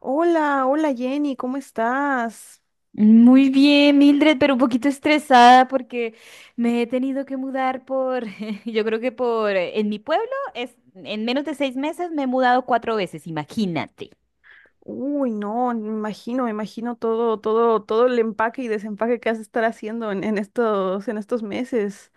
Hola, hola Jenny, ¿cómo estás? Muy bien, Mildred, pero un poquito estresada porque me he tenido que mudar por, yo creo que por, en mi pueblo es, en menos de 6 meses me he mudado cuatro veces, imagínate. Uy, no, me imagino, me imagino, todo, todo, todo el empaque y desempaque que has de estar haciendo en estos meses.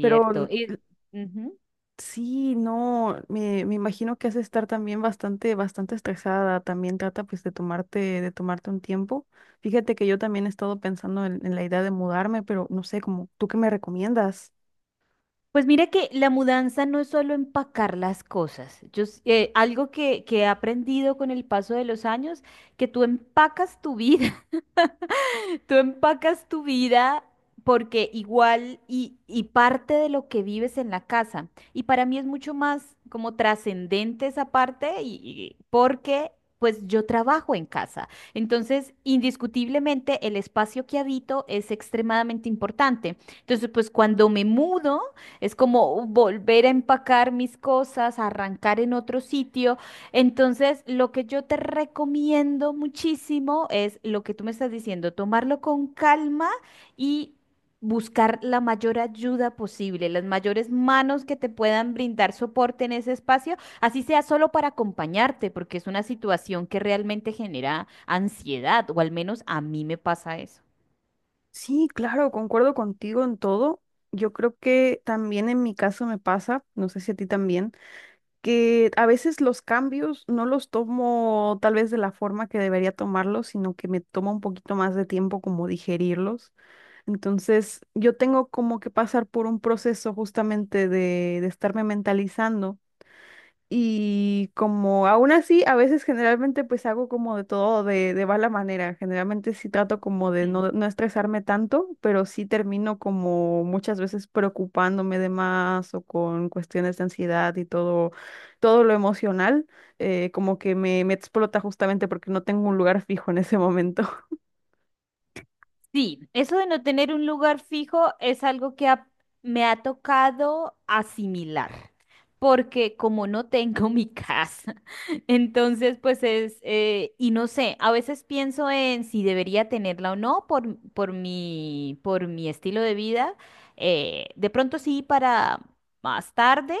Pero n- Y, ujú. sí, no, me imagino que has de estar también bastante, bastante estresada. También trata pues de tomarte un tiempo. Fíjate que yo también he estado pensando en la idea de mudarme, pero no sé, como, ¿tú qué me recomiendas? Pues mira que la mudanza no es solo empacar las cosas. Algo que he aprendido con el paso de los años, que tú empacas tu vida. Tú empacas tu vida porque igual y parte de lo que vives en la casa. Y para mí es mucho más como trascendente esa parte porque pues yo trabajo en casa. Entonces, indiscutiblemente el espacio que habito es extremadamente importante. Entonces, pues cuando me mudo es como volver a empacar mis cosas, arrancar en otro sitio, entonces, lo que yo te recomiendo muchísimo es lo que tú me estás diciendo, tomarlo con calma y buscar la mayor ayuda posible, las mayores manos que te puedan brindar soporte en ese espacio, así sea solo para acompañarte, porque es una situación que realmente genera ansiedad, o al menos a mí me pasa eso. Sí, claro, concuerdo contigo en todo. Yo creo que también en mi caso me pasa, no sé si a ti también, que a veces los cambios no los tomo tal vez de la forma que debería tomarlos, sino que me toma un poquito más de tiempo como digerirlos. Entonces, yo tengo como que pasar por un proceso justamente de estarme mentalizando y como aún así, a veces generalmente pues hago como de todo de mala manera. Generalmente sí trato como de no, no estresarme tanto, pero sí termino como muchas veces preocupándome de más o con cuestiones de ansiedad y todo, todo lo emocional, como que me explota justamente porque no tengo un lugar fijo en ese momento. Sí, eso de no tener un lugar fijo es algo que me ha tocado asimilar, porque como no tengo mi casa, entonces pues es, y no sé, a veces pienso en si debería tenerla o no por mi estilo de vida, de pronto sí para más tarde.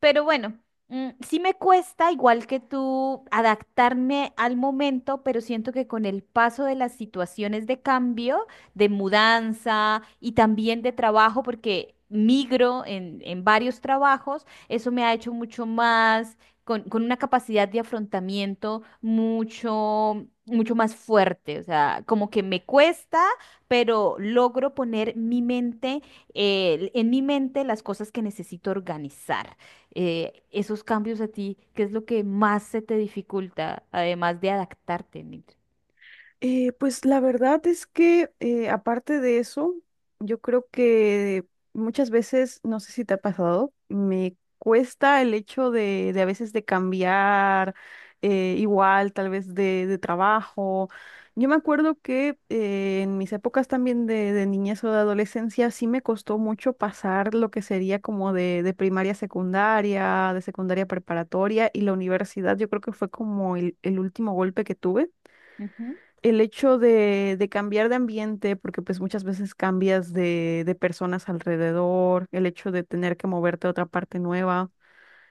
Pero bueno, sí me cuesta, igual que tú, adaptarme al momento, pero siento que con el paso de las situaciones de cambio, de mudanza y también de trabajo, porque migro en varios trabajos, eso me ha hecho mucho más, con una capacidad de afrontamiento mucho, mucho más fuerte. O sea, como que me cuesta, pero logro poner mi mente en mi mente las cosas que necesito organizar. Esos cambios a ti, ¿qué es lo que más se te dificulta, además de adaptarte, Nitri? Pues la verdad es que aparte de eso, yo creo que muchas veces, no sé si te ha pasado, me cuesta el hecho de a veces de cambiar, igual, tal vez de trabajo. Yo me acuerdo que en mis épocas también de niñez o de adolescencia sí me costó mucho pasar lo que sería como de primaria a secundaria, de secundaria a preparatoria y la universidad, yo creo que fue como el último golpe que tuve, Ujú. el hecho de cambiar de ambiente, porque pues muchas veces cambias de personas alrededor, el hecho de tener que moverte a otra parte nueva.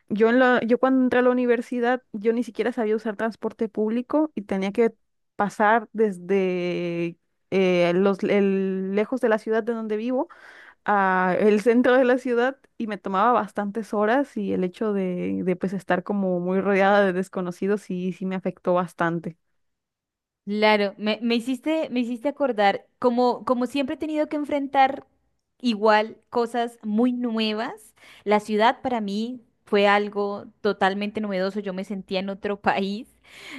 Yo cuando entré a la universidad, yo ni siquiera sabía usar transporte público y tenía que pasar desde lejos de la ciudad de donde vivo a el centro de la ciudad y me tomaba bastantes horas y el hecho de pues estar como muy rodeada de desconocidos, sí, sí me afectó bastante. Claro, me hiciste acordar, como siempre he tenido que enfrentar igual cosas muy nuevas, la ciudad para mí fue algo totalmente novedoso, yo me sentía en otro país,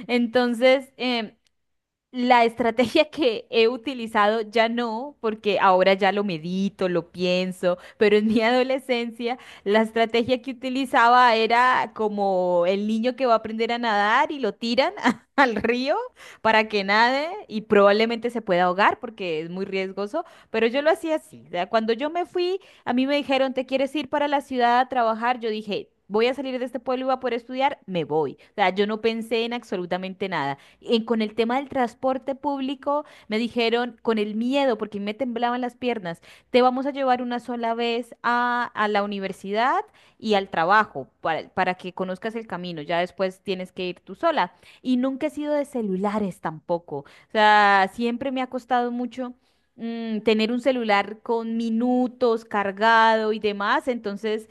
entonces la estrategia que he utilizado ya no, porque ahora ya lo medito, lo pienso, pero en mi adolescencia la estrategia que utilizaba era como el niño que va a aprender a nadar y lo tiran al río para que nade y probablemente se pueda ahogar porque es muy riesgoso, pero yo lo hacía así. O sea, cuando yo me fui, a mí me dijeron, ¿te quieres ir para la ciudad a trabajar? Yo dije: voy a salir de este pueblo y voy a poder estudiar, me voy. O sea, yo no pensé en absolutamente nada con el tema del transporte público, me dijeron con el miedo, porque me temblaban las piernas, te vamos a llevar una sola vez a la universidad y al trabajo para que conozcas el camino, ya después tienes que ir tú sola. Y nunca he sido de celulares tampoco, o sea, siempre me ha costado mucho tener un celular con minutos cargado y demás, entonces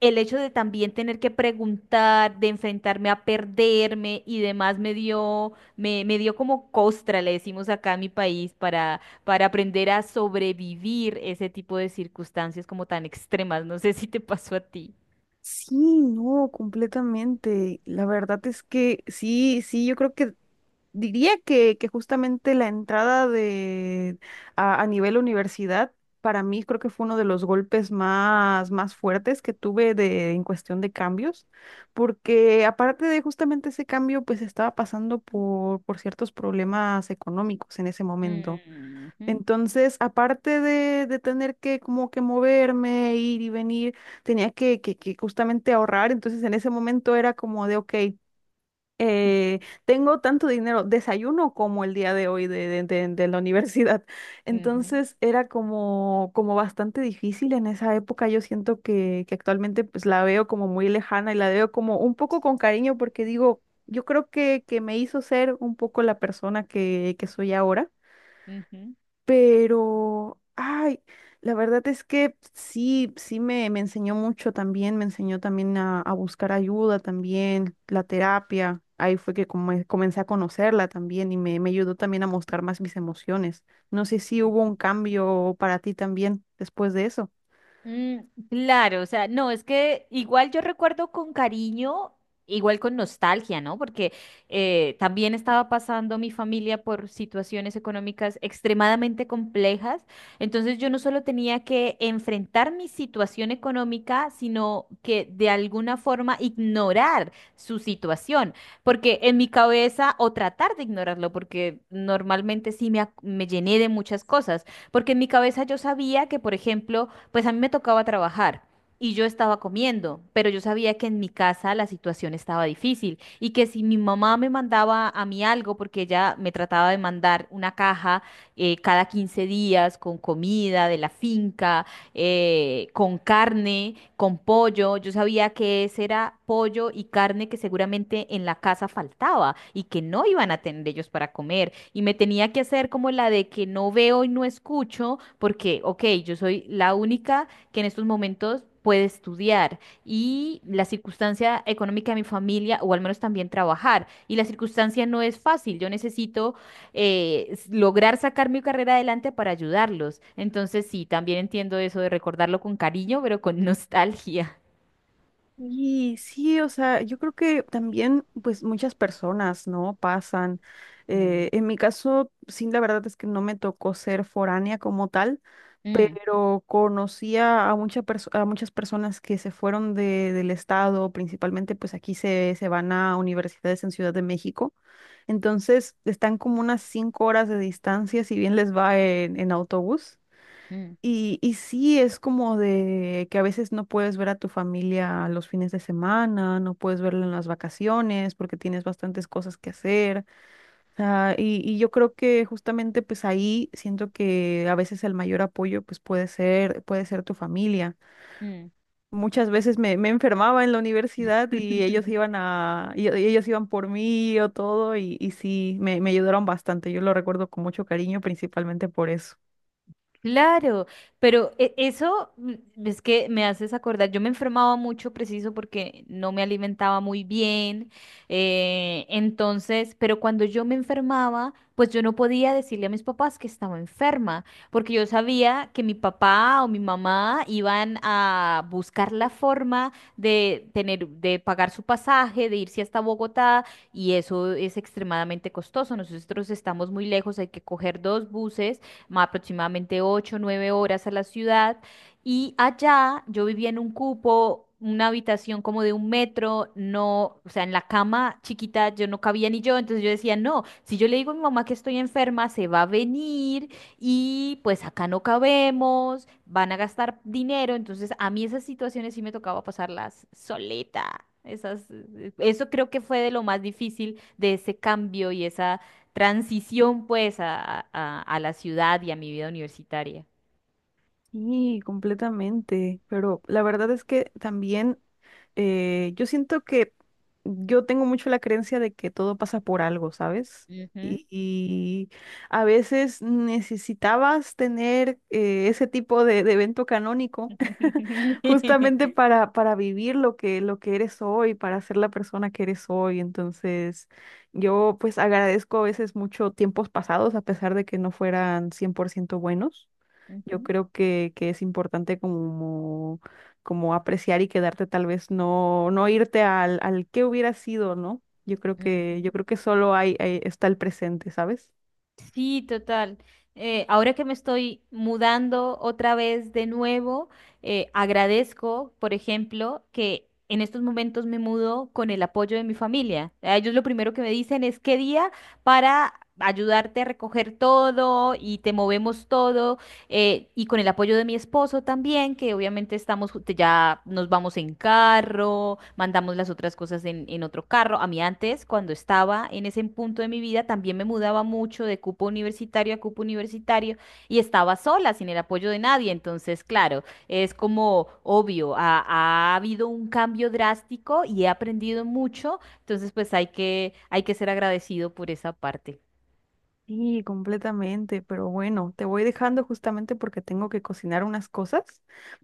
el hecho de también tener que preguntar, de enfrentarme a perderme y demás me dio como costra, le decimos acá en mi país, para aprender a sobrevivir ese tipo de circunstancias como tan extremas. No sé si te pasó a ti. Sí, no, completamente. La verdad es que sí, sí, yo creo que diría que justamente la entrada a nivel universidad, para mí creo que fue uno de los golpes más, más fuertes que tuve de, en cuestión de cambios, porque aparte de justamente ese cambio, pues estaba pasando por ciertos problemas económicos en ese momento. Ujú, Entonces, aparte de tener que como que moverme, ir y venir, tenía que justamente ahorrar. Entonces, en ese momento era como de, ok, tengo tanto dinero, desayuno como el día de hoy de la universidad. ujú, Entonces, era como, como bastante difícil en esa época. Yo siento que actualmente pues la veo como muy lejana y la veo como un poco con cariño porque digo, yo creo que me hizo ser un poco la persona que soy ahora. ujú, Pero, ay, la verdad es que sí, sí me enseñó mucho también, me enseñó también a buscar ayuda también, la terapia. Ahí fue que comencé a conocerla también y me ayudó también a mostrar más mis emociones. No sé si hubo un ujú. cambio para ti también después de eso. Mm, claro, o sea, no, es que igual yo recuerdo con cariño, igual con nostalgia, ¿no? Porque también estaba pasando mi familia por situaciones económicas extremadamente complejas, entonces yo no solo tenía que enfrentar mi situación económica, sino que de alguna forma ignorar su situación, porque en mi cabeza, o tratar de ignorarlo, porque normalmente sí me llené de muchas cosas, porque en mi cabeza yo sabía que, por ejemplo, pues a mí me tocaba trabajar y yo estaba comiendo, pero yo sabía que en mi casa la situación estaba difícil y que si mi mamá me mandaba a mí algo, porque ella me trataba de mandar una caja cada 15 días con comida de la finca, con carne, con pollo, yo sabía que ese era pollo y carne que seguramente en la casa faltaba y que no iban a tener ellos para comer. Y me tenía que hacer como la de que no veo y no escucho, porque, ok, yo soy la única que en estos momentos puede estudiar y la circunstancia económica de mi familia, o al menos también trabajar, y la circunstancia no es fácil, yo necesito lograr sacar mi carrera adelante para ayudarlos. Entonces, sí, también entiendo eso de recordarlo con cariño, pero con nostalgia. Y sí, o sea, yo creo que también, pues muchas personas, ¿no? Pasan. Mm, En mi caso, sí, la verdad es que no me tocó ser foránea como tal, mm, pero conocía a, a muchas personas que se fueron del estado, principalmente pues aquí se, se van a universidades en Ciudad de México, entonces están como unas 5 horas de distancia, si bien les va en autobús. mm, Y sí, es como de que a veces no puedes ver a tu familia los fines de semana, no puedes verla en las vacaciones porque tienes bastantes cosas que hacer, sea, y yo creo que justamente pues ahí siento que a veces el mayor apoyo pues puede ser tu familia. mm. Muchas veces me, me enfermaba en la universidad y ellos iban a, y ellos iban por mí o todo y sí, me ayudaron bastante. Yo lo recuerdo con mucho cariño, principalmente por eso. Claro, pero eso es que me haces acordar, yo me enfermaba mucho preciso porque no me alimentaba muy bien, entonces, pero cuando yo me enfermaba, pues yo no podía decirle a mis papás que estaba enferma, porque yo sabía que mi papá o mi mamá iban a buscar la forma de tener, de pagar su pasaje, de irse hasta Bogotá, y eso es extremadamente costoso. Nosotros estamos muy lejos, hay que coger dos buses aproximadamente ocho o 9 horas a la ciudad. Y allá yo vivía en un cupo, una habitación como de 1 metro, no, o sea, en la cama chiquita yo no cabía ni yo, entonces yo decía, no, si yo le digo a mi mamá que estoy enferma, se va a venir y pues acá no cabemos, van a gastar dinero, entonces a mí esas situaciones sí me tocaba pasarlas solita. Eso creo que fue de lo más difícil de ese cambio y esa transición pues a la ciudad y a mi vida universitaria. Sí, completamente. Pero la verdad es que también, yo siento que yo tengo mucho la creencia de que todo pasa por algo, ¿sabes? Ujú. Y a veces necesitabas tener, ese tipo de evento canónico justamente para vivir lo que eres hoy, para ser la persona que eres hoy. Entonces, yo pues agradezco a veces mucho tiempos pasados, a pesar de que no fueran 100% buenos. Yo Ujú, creo que es importante como, como apreciar y quedarte tal vez no, no irte al, al qué hubiera sido, ¿no? Ujú. Yo creo que solo hay, está el presente, ¿sabes? Sí, total. Ahora que me estoy mudando otra vez de nuevo, agradezco, por ejemplo, que en estos momentos me mudo con el apoyo de mi familia. A ellos lo primero que me dicen es qué día para ayudarte a recoger todo y te movemos todo y con el apoyo de mi esposo también, que obviamente estamos, ya nos vamos en carro, mandamos las otras cosas en, otro carro. A mí antes, cuando estaba en ese punto de mi vida, también me mudaba mucho de cupo universitario a cupo universitario y estaba sola, sin el apoyo de nadie. Entonces, claro, es como obvio, ha habido un cambio drástico y he aprendido mucho. Entonces, pues hay que ser agradecido por esa parte. Sí, completamente, pero bueno, te voy dejando justamente porque tengo que cocinar unas cosas,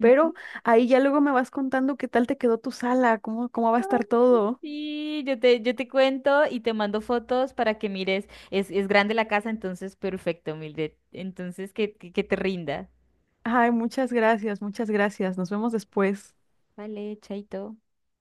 pero Ujú. ahí ya luego me vas contando qué tal te quedó tu sala, cómo, cómo va a estar todo. Sí, yo te cuento y te mando fotos para que mires. Es grande la casa, entonces perfecto, Mildred. Entonces que te rinda. Ay, muchas gracias, muchas gracias. Nos vemos después. Vale, chaito.